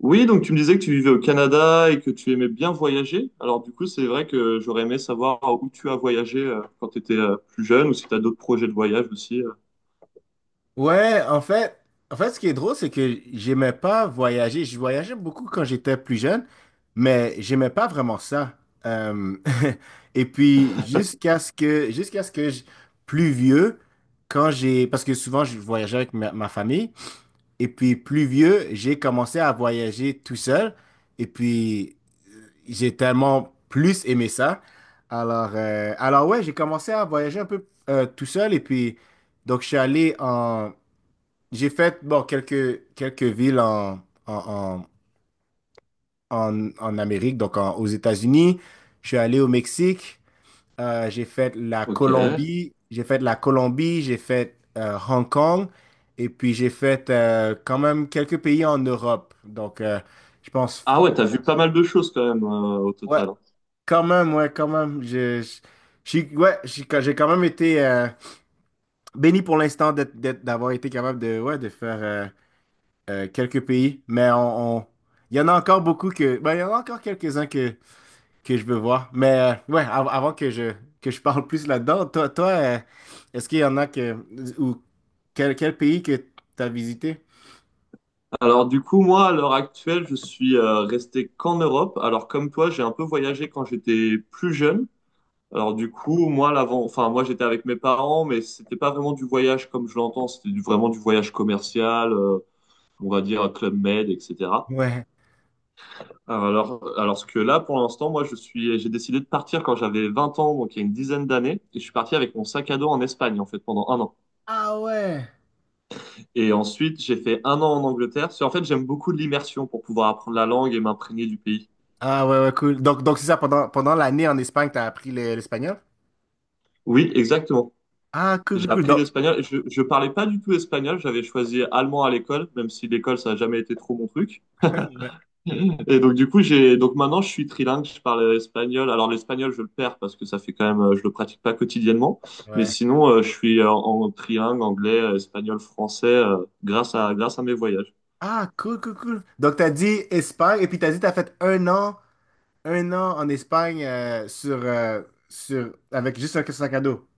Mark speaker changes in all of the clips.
Speaker 1: Oui, donc tu me disais que tu vivais au Canada et que tu aimais bien voyager. Alors du coup, c'est vrai que j'aurais aimé savoir où tu as voyagé quand tu étais plus jeune ou si tu as d'autres projets de voyage aussi.
Speaker 2: Ouais, en fait, ce qui est drôle, c'est que j'aimais pas voyager. Je voyageais beaucoup quand j'étais plus jeune, mais j'aimais pas vraiment ça. Euh, et puis jusqu'à ce que plus vieux, parce que souvent je voyageais avec ma famille, et puis plus vieux, j'ai commencé à voyager tout seul, et puis j'ai tellement plus aimé ça. Alors, ouais, j'ai commencé à voyager un peu tout seul, et puis donc je suis allé en j'ai fait bon, quelques villes en, en, en Amérique, donc aux États-Unis. Je suis allé au Mexique, j'ai fait la
Speaker 1: Ok.
Speaker 2: Colombie, j'ai fait Hong Kong, et puis j'ai fait quand même quelques pays en Europe. Donc, je pense,
Speaker 1: Ah ouais, t'as vu pas mal de choses quand même au
Speaker 2: Ouais,
Speaker 1: total.
Speaker 2: quand même, ouais, quand même. Je, ouais, j'ai quand même été béni pour l'instant d'être, d'avoir été capable de, ouais, de faire. Quelques pays, mais il y en a encore beaucoup que, ben, il y en a encore quelques-uns que, je veux voir. Mais ouais, avant que je, parle plus là-dedans, toi, est-ce qu'il y en a que, ou quel, pays que t'as visité?
Speaker 1: Alors du coup, moi, à l'heure actuelle, je suis resté qu'en Europe. Alors comme toi, j'ai un peu voyagé quand j'étais plus jeune. Alors du coup, moi, l'avant, enfin moi, j'étais avec mes parents, mais c'était pas vraiment du voyage comme je l'entends. C'était vraiment du voyage commercial, on va dire Club Med, etc.
Speaker 2: Ouais.
Speaker 1: Alors que là, pour l'instant, moi, j'ai décidé de partir quand j'avais 20 ans, donc il y a une dizaine d'années, et je suis parti avec mon sac à dos en Espagne, en fait, pendant un an.
Speaker 2: Ah ouais.
Speaker 1: Et ensuite, j'ai fait un an en Angleterre. Parce que, en fait, j'aime beaucoup l'immersion pour pouvoir apprendre la langue et m'imprégner du pays.
Speaker 2: Ah ouais, ouais, cool. Donc c'est ça, pendant l'année en Espagne, t'as appris l'espagnol?
Speaker 1: Oui, exactement.
Speaker 2: Ah, cool, cool,
Speaker 1: J'ai
Speaker 2: cool.
Speaker 1: appris
Speaker 2: Donc,
Speaker 1: l'espagnol. Je parlais pas du tout espagnol. J'avais choisi allemand à l'école, même si l'école, ça n'a jamais été trop mon truc.
Speaker 2: ouais.
Speaker 1: Et donc du coup j'ai donc maintenant je suis trilingue, je parle espagnol. Alors l'espagnol je le perds parce que ça fait quand même je le pratique pas quotidiennement, mais
Speaker 2: Ouais.
Speaker 1: sinon je suis trilingue anglais, espagnol, français grâce à mes voyages.
Speaker 2: Ah, cool, cool, cool. Donc, t'as dit Espagne, et puis t'as dit t'as fait un an. Un an en Espagne avec juste un sac à dos.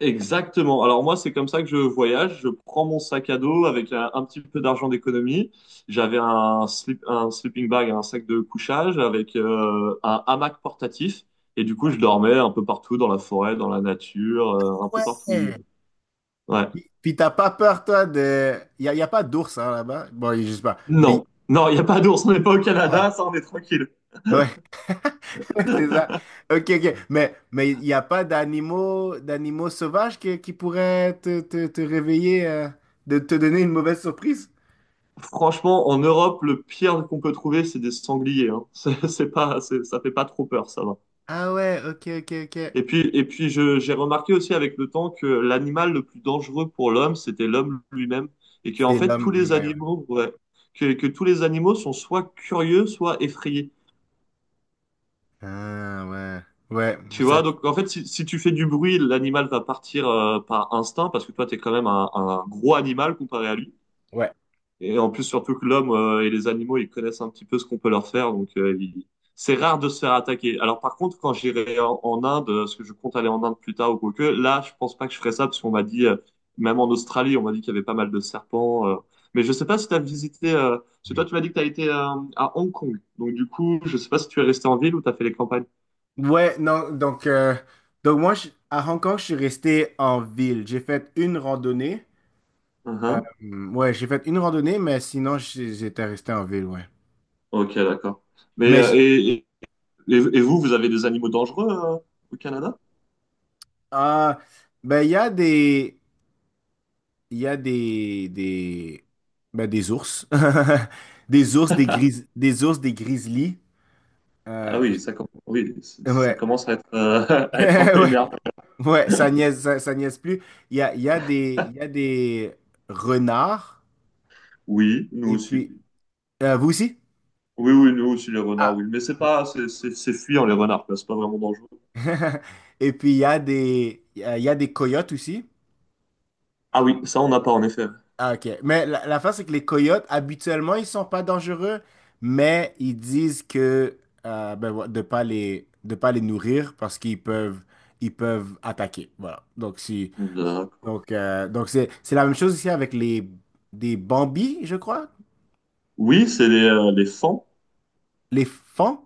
Speaker 1: Exactement. Alors moi c'est comme ça que je voyage, je prends mon sac à dos avec un petit peu d'argent d'économie. J'avais un slip, un sleeping bag, un sac de couchage avec un hamac portatif et du coup je dormais un peu partout dans la forêt, dans la nature, un peu partout.
Speaker 2: Ouais.
Speaker 1: Ouais.
Speaker 2: Puis t'as pas peur, toi, de... Y a pas d'ours hein, là-bas. Bon, je sais pas. Mais...
Speaker 1: Non, non, il n'y a pas d'ours, on n'est pas au
Speaker 2: Ah.
Speaker 1: Canada, ça on est tranquille.
Speaker 2: Ouais. C'est ça. OK, OK. Mais il n'y a pas d'animaux sauvages qui, pourraient te, te, réveiller, de te donner une mauvaise surprise?
Speaker 1: Franchement, en Europe, le pire qu'on peut trouver, c'est des sangliers. Hein. C'est pas, ça fait pas trop peur, ça va.
Speaker 2: Ah ouais, OK, OK, OK.
Speaker 1: Et puis j'ai remarqué aussi avec le temps que l'animal le plus dangereux pour l'homme, c'était l'homme lui-même. Et que, en
Speaker 2: C'est
Speaker 1: fait, tous
Speaker 2: l'homme,
Speaker 1: les
Speaker 2: l'humain, ouais.
Speaker 1: animaux, ouais, que tous les animaux sont soit curieux, soit effrayés.
Speaker 2: Ah ouais. Ouais,
Speaker 1: Tu
Speaker 2: ça...
Speaker 1: vois, donc en fait, si tu fais du bruit, l'animal va partir par instinct, parce que toi, t'es quand même un gros animal comparé à lui.
Speaker 2: Ouais.
Speaker 1: Et en plus, surtout que l'homme et les animaux, ils connaissent un petit peu ce qu'on peut leur faire, donc c'est rare de se faire attaquer. Alors par contre, quand j'irai en Inde, parce que je compte aller en Inde plus tard ou quoi que, là, je pense pas que je ferai ça, parce qu'on m'a dit, même en Australie, on m'a dit qu'il y avait pas mal de serpents. Mais je sais pas si tu as visité, parce que toi, tu m'as dit que tu as été à Hong Kong, donc du coup, je sais pas si tu es resté en ville ou tu as fait les campagnes.
Speaker 2: Ouais, non, donc, moi, à Hong Kong, je suis resté en ville. J'ai fait une randonnée.
Speaker 1: Mhm.
Speaker 2: Ouais, j'ai fait une randonnée, mais sinon, j'étais resté en ville, ouais.
Speaker 1: Ok, d'accord. Mais
Speaker 2: Mais,
Speaker 1: et vous, vous avez des animaux dangereux au Canada?
Speaker 2: ah, ben, il y a des, il y a des, ben, des ours. Des ours, des gris, des ours, des grizzlies.
Speaker 1: Ah
Speaker 2: Euh,
Speaker 1: oui, ça, oui, ça
Speaker 2: ouais,
Speaker 1: commence à être, à être un peu
Speaker 2: ouais.
Speaker 1: énervé.
Speaker 2: Ouais, ça niaise, ça niaise plus. Il y a des, il y a des renards.
Speaker 1: Oui, nous
Speaker 2: Et
Speaker 1: aussi.
Speaker 2: puis, vous aussi?
Speaker 1: Oui, oui, nous aussi, les renards,
Speaker 2: Ah.
Speaker 1: oui. Mais c'est pas, c'est c'est fuyant, les renards, quoi. C'est pas vraiment dangereux.
Speaker 2: Et puis, il y a des coyotes aussi.
Speaker 1: Ah oui, ça, on n'a pas, en effet.
Speaker 2: Ah, OK. Mais la, fin, c'est que les coyotes, habituellement, ils sont pas dangereux, mais ils disent que ben, de pas les, nourrir parce qu'ils peuvent, ils peuvent attaquer. Voilà. Donc, si,
Speaker 1: D'accord.
Speaker 2: c'est, la même chose ici avec des bambis, je crois.
Speaker 1: Oui, c'est les fans.
Speaker 2: Les fans.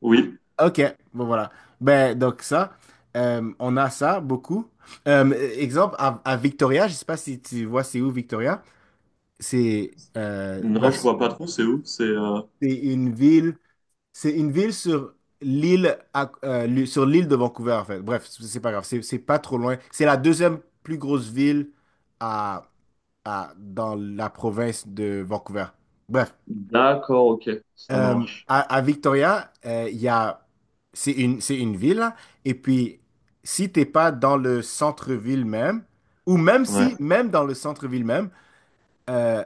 Speaker 1: Oui.
Speaker 2: OK. Bon, voilà. Ben, donc ça, on a ça beaucoup. Euh, exemple, à, Victoria, je sais pas si tu vois c'est où Victoria. C'est
Speaker 1: Non,
Speaker 2: bref,
Speaker 1: je vois pas trop, c'est où? C'est,
Speaker 2: c'est une ville, c'est une ville sur sur l'île de Vancouver en fait. Bref, c'est pas grave, c'est pas trop loin. C'est la deuxième plus grosse ville à, dans la province de Vancouver. Bref,
Speaker 1: d'accord, ok, ça marche.
Speaker 2: à, Victoria, il y a c'est une ville là. Et puis si t'es pas dans le centre-ville même ou même
Speaker 1: Ouais.
Speaker 2: si même dans le centre-ville même euh,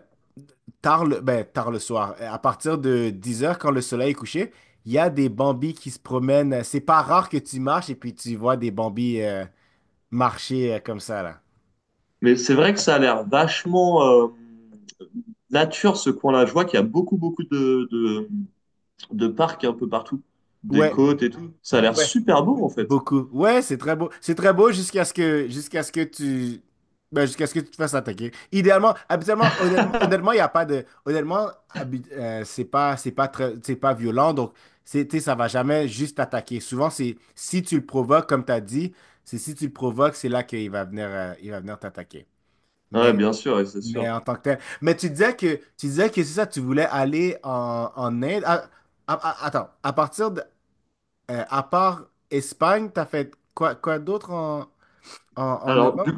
Speaker 2: tard tard le soir, à partir de 10 heures quand le soleil est couché, il y a des bambis qui se promènent. C'est pas rare que tu marches et puis tu vois des bambis marcher comme ça, là.
Speaker 1: Mais c'est vrai que ça a l'air vachement, nature, ce coin-là. Je vois qu'il y a beaucoup, beaucoup de parcs un peu partout. Des
Speaker 2: Ouais,
Speaker 1: côtes et tout. Ça a l'air
Speaker 2: ouais.
Speaker 1: super beau, en fait.
Speaker 2: Beaucoup. Ouais, c'est très beau. C'est très beau jusqu'à ce que tu te fasses attaquer. Idéalement, habituellement, honnêtement, il y a pas de honnêtement, habi- c'est pas très c'est pas violent, donc c'est tu sais, ça va jamais juste t'attaquer. Souvent, c'est si tu le provoques comme tu as dit, c'est si tu le provoques, c'est là qu'il va venir, t'attaquer.
Speaker 1: Ouais,
Speaker 2: Mais
Speaker 1: bien sûr, et c'est sûr.
Speaker 2: en tant que tel, mais tu disais que c'est ça tu voulais aller en Inde. Ah, attends, à part Espagne, t'as fait quoi, quoi d'autre en
Speaker 1: Alors,
Speaker 2: Europe?
Speaker 1: du-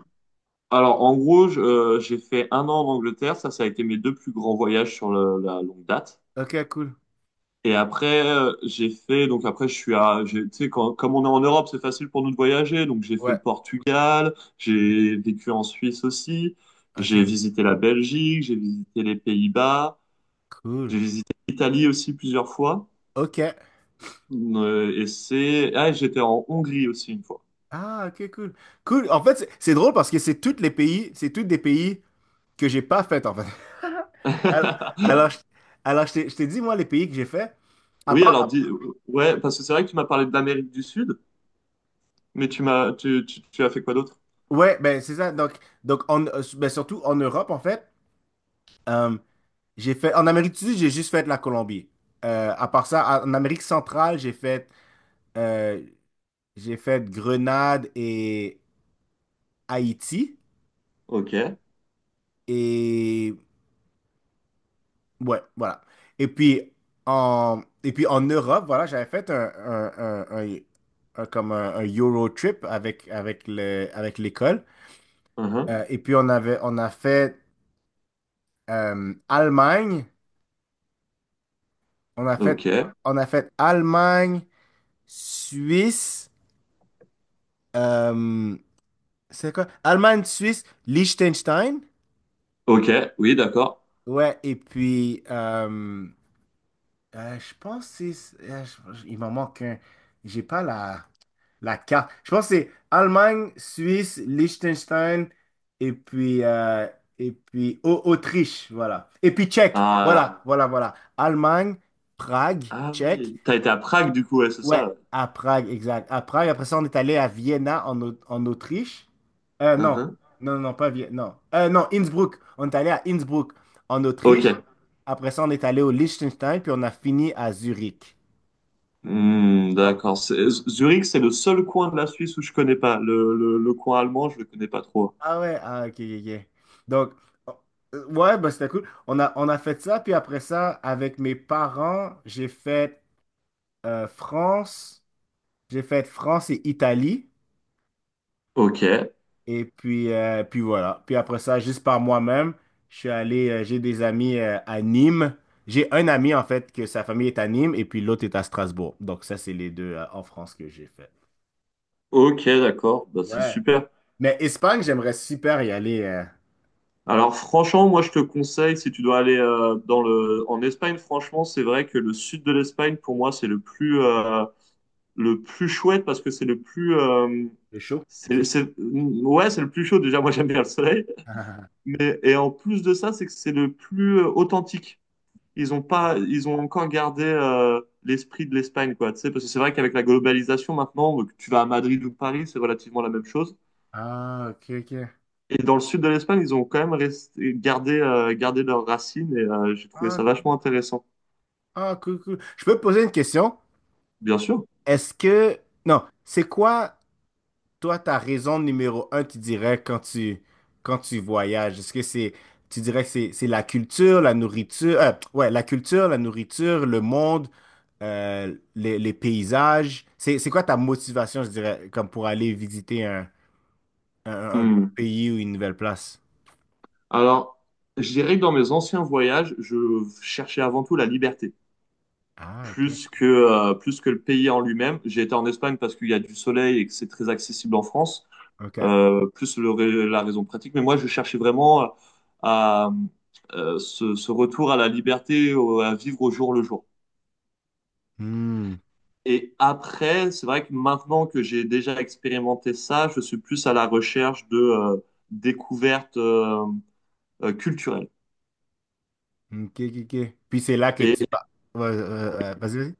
Speaker 1: en gros, j'ai fait un an en Angleterre. Ça a été mes deux plus grands voyages sur la longue date.
Speaker 2: Ok, cool.
Speaker 1: Et après, j'ai fait, donc après, je suis à, j'ai- tu sais, quand- comme on est en Europe, c'est facile pour nous de voyager. Donc, j'ai fait
Speaker 2: Ouais.
Speaker 1: le Portugal,
Speaker 2: Mm.
Speaker 1: j'ai vécu en Suisse aussi,
Speaker 2: Ok,
Speaker 1: j'ai
Speaker 2: cool.
Speaker 1: visité la Belgique, j'ai visité les Pays-Bas, j'ai
Speaker 2: Cool.
Speaker 1: visité l'Italie aussi plusieurs fois.
Speaker 2: Ok.
Speaker 1: Et c'est, ah, et j'étais en Hongrie aussi une fois.
Speaker 2: Ah, ok, cool. Cool. En fait, c'est drôle parce que c'est tous des pays que j'ai pas fait, en fait. Alors, alors, je, je t'ai dit, moi, les pays que j'ai fait, à
Speaker 1: Oui,
Speaker 2: part,
Speaker 1: alors dis, ouais, parce que c'est vrai que tu m'as parlé de l'Amérique du Sud, mais tu m'as, tu as fait quoi d'autre?
Speaker 2: ouais, ben, c'est ça. Donc, ben, surtout en Europe, en fait, euh, en Amérique du Sud, j'ai juste fait la Colombie. À part ça, en Amérique centrale, euh, J'ai fait Grenade et Haïti.
Speaker 1: Ok,
Speaker 2: Et ouais, voilà. Et puis et puis en Europe, voilà, j'avais fait un- comme un, Euro trip avec l'école.
Speaker 1: uhum,
Speaker 2: Et puis on a fait Allemagne. On a fait,
Speaker 1: ok,
Speaker 2: on a fait Allemagne, Suisse. euh, c'est quoi? Allemagne, Suisse, Liechtenstein.
Speaker 1: ok, oui, d'accord.
Speaker 2: Ouais, et puis je pense que il m'en manque un. J'ai pas la carte. Je pense que c'est Allemagne, Suisse, Liechtenstein et puis, euh, et puis Autriche, voilà. Et puis Tchèque,
Speaker 1: Ah,
Speaker 2: voilà, voilà, voilà. Allemagne, Prague,
Speaker 1: ah
Speaker 2: Tchèque.
Speaker 1: oui, t'as été à Prague du coup, ouais, c'est
Speaker 2: Ouais,
Speaker 1: ça.
Speaker 2: à Prague, exact. À Prague, après ça, on est allé à Vienna en Autriche. Non,
Speaker 1: Uhum.
Speaker 2: non, non, pas Vienne, non. Non, Innsbruck. On est allé à Innsbruck en
Speaker 1: Ok,
Speaker 2: Autriche. Après ça, on est allé au Liechtenstein, puis on a fini à Zurich.
Speaker 1: hmm,
Speaker 2: Donc,
Speaker 1: d'accord. C'est- Zurich, c'est le seul coin de la Suisse où je connais pas. Le coin allemand, je le connais pas trop.
Speaker 2: ah ouais, ah, ok, ok, ok. Donc, ouais, bah, c'était cool. On a fait ça, puis après ça, avec mes parents, j'ai fait euh, France, France et Italie,
Speaker 1: Ok,
Speaker 2: puis voilà. Puis après ça, juste par moi-même, j'ai des amis à Nîmes. J'ai un ami, en fait, que sa famille est à Nîmes, et puis l'autre est à Strasbourg. Donc, ça, c'est les deux en France que j'ai fait.
Speaker 1: ok, d'accord. Bah, c'est
Speaker 2: Ouais.
Speaker 1: super.
Speaker 2: Mais Espagne, j'aimerais super y aller.
Speaker 1: Alors franchement, moi je te conseille, si tu dois aller en Espagne, franchement, c'est vrai que le sud de l'Espagne, pour moi, c'est le plus chouette parce que c'est le plus,
Speaker 2: C'est chaud, c'est chaud.
Speaker 1: ouais, c'est le plus chaud. Déjà, moi j'aime bien le soleil, mais et en plus de ça, c'est que c'est le plus authentique. Ils ont pas, ils ont encore gardé l'esprit de l'Espagne, quoi. Tu sais, parce que c'est vrai qu'avec la globalisation maintenant, que tu vas à Madrid ou Paris, c'est relativement la même chose.
Speaker 2: Ah, ok, ok.
Speaker 1: Et dans le sud de l'Espagne, ils ont quand même gardé, leurs racines et j'ai trouvé
Speaker 2: Ah,
Speaker 1: ça
Speaker 2: cool.
Speaker 1: vachement intéressant.
Speaker 2: Ah, cool, cool. Je peux te poser une question?
Speaker 1: Bien sûr.
Speaker 2: Est-ce que... Non, c'est quoi, toi, ta raison numéro un, tu dirais, quand tu voyages? Est-ce que c'est... Tu dirais que c'est la culture, la nourriture... ouais, la culture, la nourriture, le monde, les paysages. C'est quoi ta motivation, je dirais, comme pour aller visiter un
Speaker 1: Hmm.
Speaker 2: pays ou une nouvelle place?
Speaker 1: Alors, je dirais que dans mes anciens voyages, je cherchais avant tout la liberté,
Speaker 2: Ah, OK.
Speaker 1: plus que le pays en lui-même. J'ai été en Espagne parce qu'il y a du soleil et que c'est très accessible en France,
Speaker 2: OK.
Speaker 1: plus la raison pratique. Mais moi, je cherchais vraiment à, ce retour à la liberté, à vivre au jour le jour.
Speaker 2: Hmm.
Speaker 1: Et après, c'est vrai que maintenant que j'ai déjà expérimenté ça, je suis plus à la recherche de découvertes culturelles.
Speaker 2: OK, OK, OK. Puis c'est là que
Speaker 1: Et,
Speaker 2: tu... Ouais, vas-y, vas-y.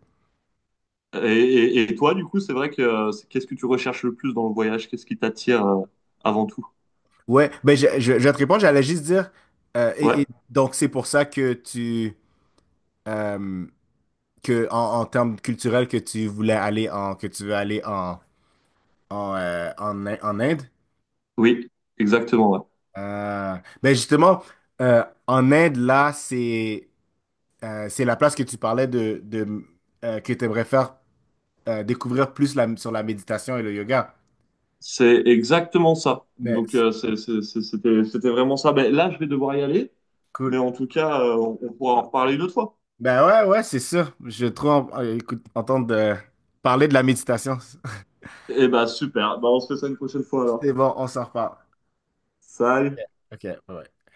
Speaker 1: et toi, du coup, c'est vrai que qu'est-ce que tu recherches le plus dans le voyage? Qu'est-ce qui t'attire avant tout?
Speaker 2: Ouais, ben je vais te répondre, j'allais juste dire, et
Speaker 1: Ouais,
Speaker 2: donc c'est pour ça que euh, que en termes culturels, que tu veux aller en Inde.
Speaker 1: oui, exactement, ouais.
Speaker 2: Euh, ben justement, en Inde, là, c'est la place que tu parlais de que tu aimerais faire découvrir plus sur la méditation et le yoga.
Speaker 1: C'est exactement ça.
Speaker 2: Mais
Speaker 1: Donc,
Speaker 2: c'est
Speaker 1: c'était vraiment ça. Ben, là, je vais devoir y aller,
Speaker 2: cool.
Speaker 1: mais en tout cas, on pourra en reparler une autre fois.
Speaker 2: Ben ouais, ouais, c'est sûr. Je trouve, écoute, entendre parler de la méditation.
Speaker 1: Eh ben, super. Ben, on se fait ça une prochaine fois alors.
Speaker 2: C'est bon, on s'en reparle. OK,
Speaker 1: Salut!
Speaker 2: OK, ouais.